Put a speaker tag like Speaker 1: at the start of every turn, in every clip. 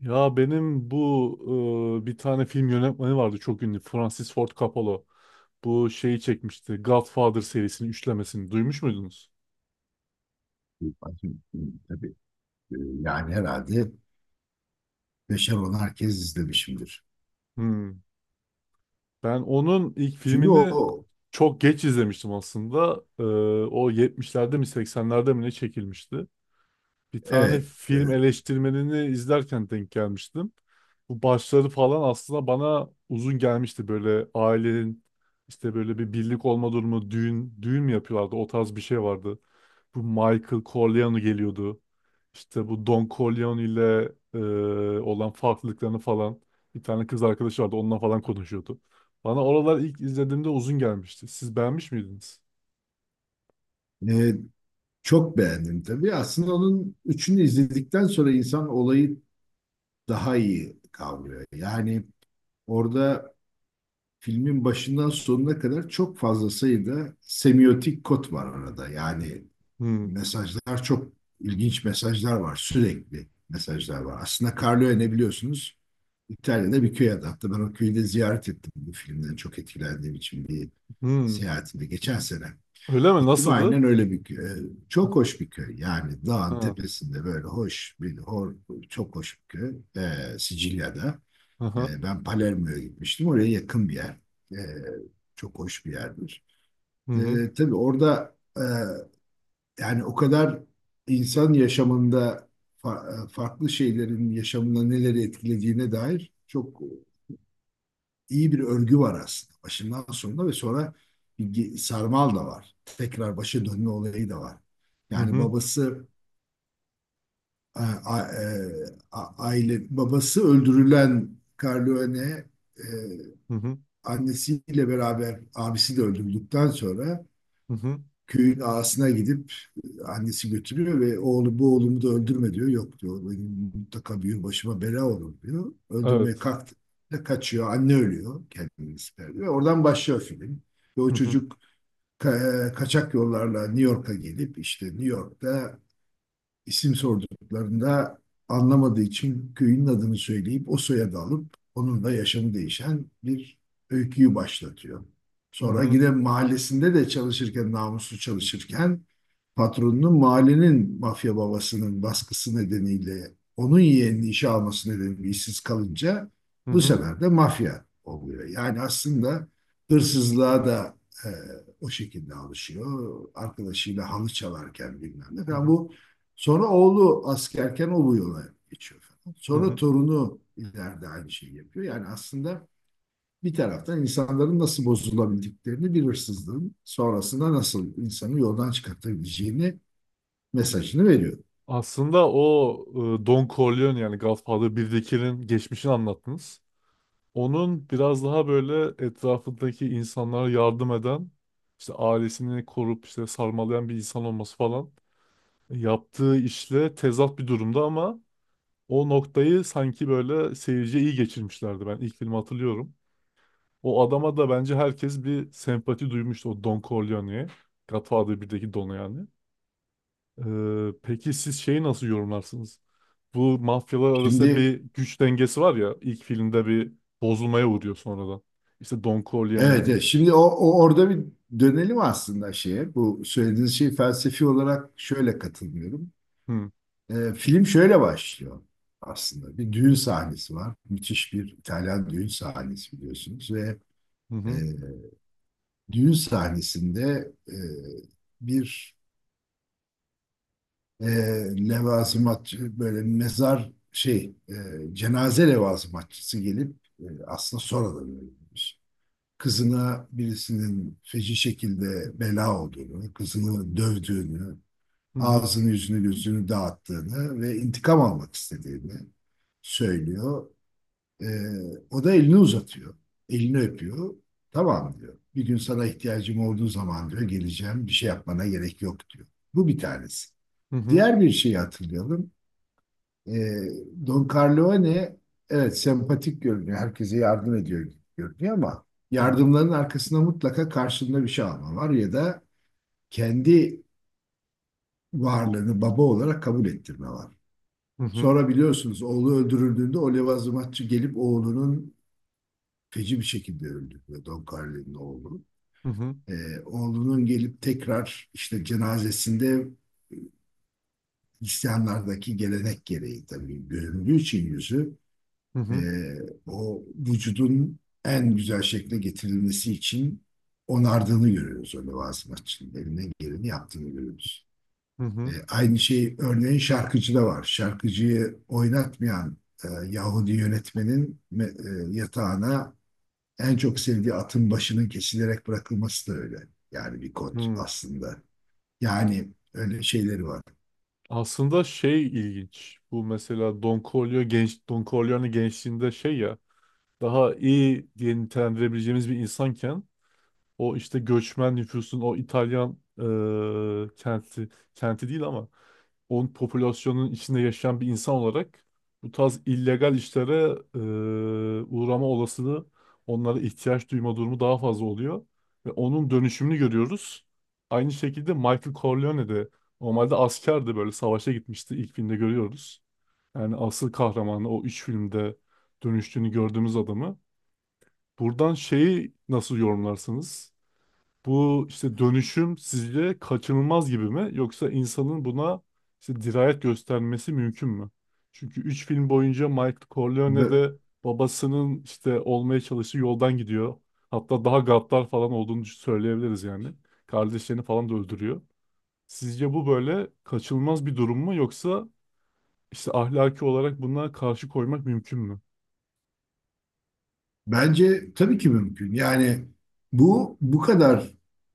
Speaker 1: Ya benim bu bir tane film yönetmeni vardı çok ünlü. Francis Ford Coppola. Bu şeyi çekmişti. Godfather serisinin üçlemesini. Duymuş muydunuz?
Speaker 2: Bakın, tabii yani herhalde beşer onar kez izlemişimdir.
Speaker 1: Hmm. Ben onun ilk
Speaker 2: Çünkü
Speaker 1: filmini
Speaker 2: o
Speaker 1: çok geç izlemiştim aslında. O 70'lerde mi 80'lerde mi ne çekilmişti? Bir tane
Speaker 2: evet,
Speaker 1: film
Speaker 2: evet.
Speaker 1: eleştirmenini izlerken denk gelmiştim. Bu başları falan aslında bana uzun gelmişti. Böyle ailenin işte böyle bir birlik olma durumu, düğün mü yapıyorlardı? O tarz bir şey vardı. Bu Michael Corleone geliyordu. İşte bu Don Corleone ile olan farklılıklarını falan bir tane kız arkadaşı vardı. Onunla falan konuşuyordu. Bana oralar ilk izlediğimde uzun gelmişti. Siz beğenmiş miydiniz?
Speaker 2: E, Çok beğendim tabii. Aslında onun üçünü izledikten sonra insan olayı daha iyi kavrıyor. Yani orada filmin başından sonuna kadar çok fazla sayıda semiotik kod var arada. Yani
Speaker 1: Hmm,
Speaker 2: mesajlar çok ilginç mesajlar var. Sürekli mesajlar var. Aslında Carlo ne biliyorsunuz? İtalya'da bir köy adı. Hatta ben o köyü de ziyaret ettim bu filmden çok etkilendiğim için bir
Speaker 1: hmm.
Speaker 2: seyahatimde geçen sene.
Speaker 1: Öyle mi?
Speaker 2: Gittim
Speaker 1: Nasıldı?
Speaker 2: aynen öyle bir köy. Çok hoş bir köy. Yani dağın
Speaker 1: Ha,
Speaker 2: tepesinde böyle hoş çok hoş bir köy. Sicilya'da.
Speaker 1: aha,
Speaker 2: Ben Palermo'ya gitmiştim. Oraya yakın bir yer. Ee, Çok hoş bir yerdir.
Speaker 1: Hı hı.
Speaker 2: Tabii orada yani o kadar insan yaşamında farklı şeylerin yaşamına neleri etkilediğine dair çok iyi bir örgü var aslında. Başından sonuna ve sonra bir sarmal da var. Tekrar başa dönme olayı da var.
Speaker 1: Hı
Speaker 2: Yani
Speaker 1: hı.
Speaker 2: babası a- a- e, aile babası öldürülen Corleone e,
Speaker 1: Hı hı.
Speaker 2: annesiyle beraber abisi de öldürüldükten sonra
Speaker 1: Hı hı.
Speaker 2: köyün ağasına gidip annesi götürüyor ve oğlu bu oğlumu da öldürme diyor. Yok diyor benim mutlaka bir gün başıma bela olur diyor. Öldürmeye
Speaker 1: Evet.
Speaker 2: kalktı da kaçıyor. Anne ölüyor. Kendini siper ve oradan başlıyor film. Ve o
Speaker 1: Hı hı.
Speaker 2: çocuk kaçak yollarla New York'a gelip işte New York'ta İsim sorduklarında anlamadığı için köyün adını söyleyip o soyadı alıp onun da yaşamı değişen bir öyküyü başlatıyor.
Speaker 1: Hı
Speaker 2: Sonra
Speaker 1: hı.
Speaker 2: yine mahallesinde de çalışırken, namuslu çalışırken patronunun mahallenin mafya babasının baskısı nedeniyle onun yeğenini işe alması nedeniyle işsiz kalınca
Speaker 1: Hı
Speaker 2: bu
Speaker 1: hı.
Speaker 2: sefer de mafya oluyor. Yani aslında hırsızlığa da e, o şekilde alışıyor. Arkadaşıyla halı çalarken bilmem ne
Speaker 1: Hı
Speaker 2: falan.
Speaker 1: hı.
Speaker 2: Bu sonra oğlu askerken o bu yola geçiyor falan.
Speaker 1: Hı
Speaker 2: Sonra
Speaker 1: hı.
Speaker 2: torunu ileride aynı şeyi yapıyor. Yani aslında bir taraftan insanların nasıl bozulabildiklerini bir hırsızlığın sonrasında nasıl insanı yoldan çıkartabileceğini mesajını veriyor.
Speaker 1: Aslında o Don Corleone yani Godfather 1'dekinin geçmişini anlattınız. Onun biraz daha böyle etrafındaki insanlara yardım eden, işte ailesini korup işte sarmalayan bir insan olması falan yaptığı işle tezat bir durumda ama o noktayı sanki böyle seyirciye iyi geçirmişlerdi. Ben ilk filmi hatırlıyorum. O adama da bence herkes bir sempati duymuştu, o Don Corleone'ye. Godfather 1'deki Don'a yani. Peki siz şeyi nasıl yorumlarsınız? Bu mafyalar arasında
Speaker 2: Şimdi
Speaker 1: bir güç dengesi var ya, ilk filmde bir bozulmaya uğruyor sonradan. İşte Don
Speaker 2: evet,
Speaker 1: Corleone'nin.
Speaker 2: evet, şimdi o, o orada bir dönelim aslında şeye. Bu söylediğiniz şey felsefi olarak şöyle katılmıyorum.
Speaker 1: Hı
Speaker 2: Film şöyle başlıyor aslında. Bir düğün sahnesi var. Müthiş bir İtalyan düğün sahnesi biliyorsunuz ve
Speaker 1: hı.
Speaker 2: e,
Speaker 1: Hı
Speaker 2: düğün sahnesinde bir e, levazımatçı böyle cenaze levazımatçısı gelip aslında sonradan öğrenmiş. Kızına birisinin feci şekilde bela olduğunu, kızını dövdüğünü,
Speaker 1: hı. Hı
Speaker 2: ağzını yüzünü gözünü dağıttığını ve intikam almak istediğini söylüyor. Ee, O da elini uzatıyor. Elini öpüyor. Tamam diyor. Bir gün sana ihtiyacım olduğu zaman diyor geleceğim. Bir şey yapmana gerek yok diyor. Bu bir tanesi.
Speaker 1: hı. Hı hı.
Speaker 2: Diğer bir şeyi hatırlayalım. Ee, Don Corleone evet sempatik görünüyor. Herkese yardım ediyor gibi görünüyor ama
Speaker 1: Hı
Speaker 2: yardımların arkasında mutlaka karşılığında bir şey alma var ya da kendi varlığını baba olarak kabul ettirme var.
Speaker 1: hı.
Speaker 2: Sonra biliyorsunuz oğlu öldürüldüğünde o levazımatçı gelip oğlunun feci bir şekilde öldürüyor Don Carlo'nun oğlu.
Speaker 1: Hı hı.
Speaker 2: Oğlunun gelip tekrar işte cenazesinde Hristiyanlardaki gelenek gereği tabii göründüğü için yüzü e,
Speaker 1: Hı
Speaker 2: o vücudun en güzel şekle getirilmesi için onardığını görüyoruz, o levazımatçının elinden geleni yaptığını görüyoruz. E,
Speaker 1: hı.
Speaker 2: aynı şey örneğin şarkıcıda var. Şarkıcıyı oynatmayan Yahudi yönetmenin yatağına en çok sevdiği atın başının kesilerek bırakılması da öyle. Yani bir
Speaker 1: Hı
Speaker 2: kod
Speaker 1: hı.
Speaker 2: aslında. Yani öyle şeyleri var.
Speaker 1: Aslında şey ilginç. Bu mesela Don Corleone, genç Don Corleone gençliğinde şey ya, daha iyi diye nitelendirebileceğimiz bir insanken o işte göçmen nüfusun o İtalyan kenti, kenti değil ama onun popülasyonun içinde yaşayan bir insan olarak bu tarz illegal işlere uğrama olasılığı, onlara ihtiyaç duyma durumu daha fazla oluyor ve onun dönüşümünü görüyoruz. Aynı şekilde Michael Corleone de normalde askerdi, böyle savaşa gitmişti, ilk filmde görüyoruz. Yani asıl kahramanı o, üç filmde dönüştüğünü gördüğümüz adamı. Buradan şeyi nasıl yorumlarsınız? Bu işte dönüşüm sizce kaçınılmaz gibi mi? Yoksa insanın buna işte dirayet göstermesi mümkün mü? Çünkü 3 film boyunca Michael Corleone
Speaker 2: Be-
Speaker 1: de babasının işte olmaya çalıştığı yoldan gidiyor. Hatta daha gaddar falan olduğunu söyleyebiliriz yani. Kardeşlerini falan da öldürüyor. Sizce bu böyle kaçınılmaz bir durum mu? Yoksa işte ahlaki olarak buna karşı koymak mümkün mü?
Speaker 2: Bence tabii ki mümkün. Yani bu kadar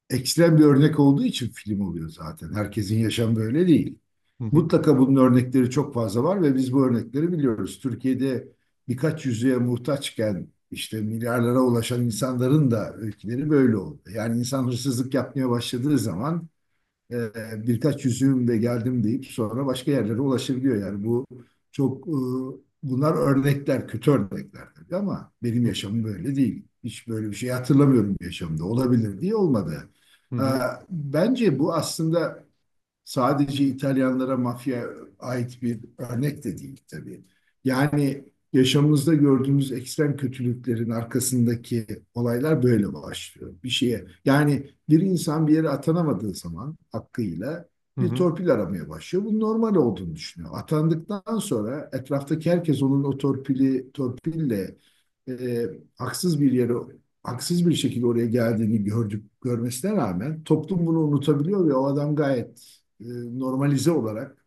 Speaker 2: ekstrem bir örnek olduğu için film oluyor zaten. Herkesin yaşamı böyle değil.
Speaker 1: Hı hı.
Speaker 2: Mutlaka bunun örnekleri çok fazla var ve biz bu örnekleri biliyoruz. Türkiye'de birkaç yüzüğe muhtaçken işte milyarlara ulaşan insanların da öyküleri böyle oldu. Yani insan hırsızlık yapmaya başladığı zaman e, birkaç yüzüğümle geldim deyip sonra başka yerlere ulaşabiliyor. Yani bu çok e, bunlar örnekler, kötü örnekler tabii ama benim
Speaker 1: Hı
Speaker 2: yaşamım böyle değil. Hiç böyle bir şey hatırlamıyorum yaşamda. Olabilir diye olmadı. E,
Speaker 1: hı.
Speaker 2: Bence bu aslında sadece İtalyanlara mafya ait bir örnek de değil tabii. Yani yaşamımızda gördüğümüz ekstrem kötülüklerin arkasındaki olaylar böyle başlıyor. Bir şeye yani bir insan bir yere atanamadığı zaman hakkıyla
Speaker 1: Hı
Speaker 2: bir
Speaker 1: hı.
Speaker 2: torpil aramaya başlıyor. Bunun normal olduğunu düşünüyor. Atandıktan sonra etraftaki herkes onun o torpili torpille e, haksız bir yere haksız bir şekilde oraya geldiğini gördük görmesine rağmen toplum bunu unutabiliyor ve o adam gayet normalize olarak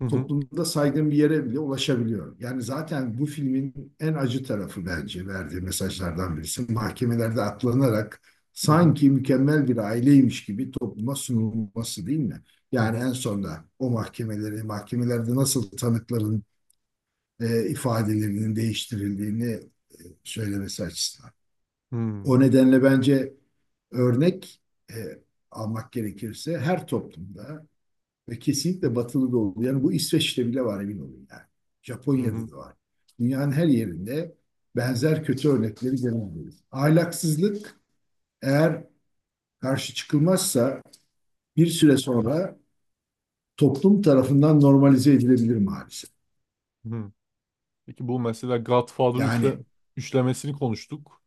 Speaker 1: Hı hı.
Speaker 2: toplumda saygın bir yere bile ulaşabiliyor. Yani zaten bu filmin en acı tarafı bence verdiği mesajlardan birisi. Mahkemelerde atlanarak
Speaker 1: Hı hı.
Speaker 2: sanki mükemmel bir aileymiş gibi topluma sunulması değil mi?
Speaker 1: Hı
Speaker 2: Yani
Speaker 1: hı.
Speaker 2: en sonda o mahkemeleri, mahkemelerde nasıl tanıkların ifadelerinin değiştirildiğini e, söylemesi açısından.
Speaker 1: Hmm.
Speaker 2: O nedenle bence örnek e, almak gerekirse her toplumda ve kesinlikle batılı da oldu. Yani bu İsveç'te bile var emin olun yani.
Speaker 1: Hı hı.
Speaker 2: Japonya'da da var. Dünyanın her yerinde benzer kötü örnekleri görebiliriz. Ahlaksızlık eğer karşı çıkılmazsa bir süre sonra toplum tarafından normalize edilebilir maalesef.
Speaker 1: Hı. Peki bu mesela
Speaker 2: Yani
Speaker 1: üçlemesini konuştuk.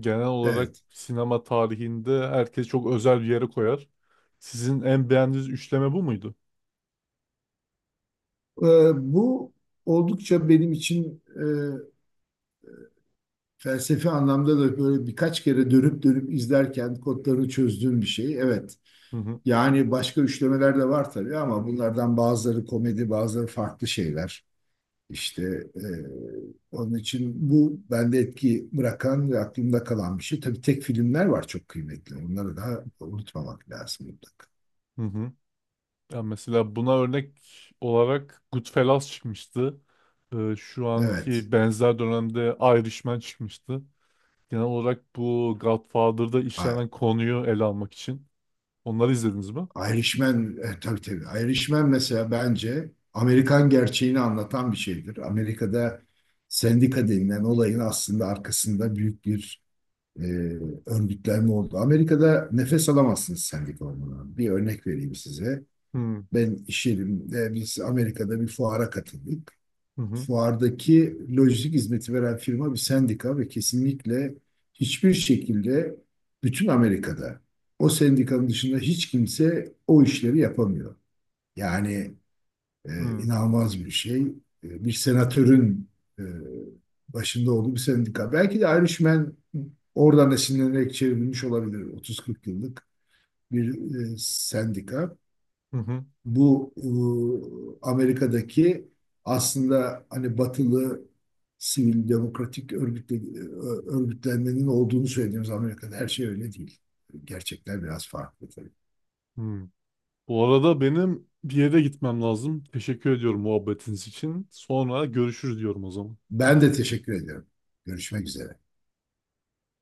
Speaker 1: Genel olarak
Speaker 2: evet.
Speaker 1: sinema tarihinde herkes çok özel bir yere koyar. Sizin en beğendiğiniz üçleme bu muydu?
Speaker 2: Ee, Bu oldukça benim için felsefi anlamda da böyle birkaç kere dönüp dönüp izlerken kodlarını çözdüğüm bir şey. Evet.
Speaker 1: Hı hı.
Speaker 2: Yani başka üçlemeler de var tabii ama bunlardan bazıları komedi, bazıları farklı şeyler. İşte e, onun için bu bende etki bırakan ve aklımda kalan bir şey. Tabii tek filmler var çok kıymetli. Onları da unutmamak lazım mutlaka.
Speaker 1: Hı hı. Ya mesela buna örnek olarak Goodfellas çıkmıştı. Şu
Speaker 2: Evet.
Speaker 1: anki benzer dönemde Irishman çıkmıştı. Genel olarak bu Godfather'da
Speaker 2: I-
Speaker 1: işlenen konuyu ele almak için. Onları izlediniz mi?
Speaker 2: Irishman, tabii tabii. Irishman mesela bence Amerikan gerçeğini anlatan bir şeydir. Amerika'da sendika denilen olayın aslında arkasında büyük bir e, örgütlenme oldu. Amerika'da nefes alamazsınız sendik olmadan. Bir örnek vereyim size.
Speaker 1: Hı hı.
Speaker 2: Ben iş yerimde biz Amerika'da bir fuara katıldık. Fuardaki lojistik hizmeti veren firma bir sendika ve kesinlikle hiçbir şekilde bütün Amerika'da o sendikanın dışında hiç kimse o işleri yapamıyor. Yani
Speaker 1: Hı hı.
Speaker 2: inanılmaz bir şey. E, bir senatörün e, başında olduğu bir sendika. Belki de Ayrışmen oradan esinlenerek çevrilmiş olabilir. 30-40 yıllık bir sendika.
Speaker 1: Hı
Speaker 2: Bu Amerika'daki aslında hani batılı sivil demokratik örgütle, e, örgütlenmenin olduğunu söylediğimiz Amerika'da her şey öyle değil. Gerçekler biraz farklı tabii.
Speaker 1: hı. Bu arada benim bir yere gitmem lazım. Teşekkür ediyorum muhabbetiniz için. Sonra görüşürüz diyorum o zaman.
Speaker 2: Ben de teşekkür ederim. Görüşmek üzere.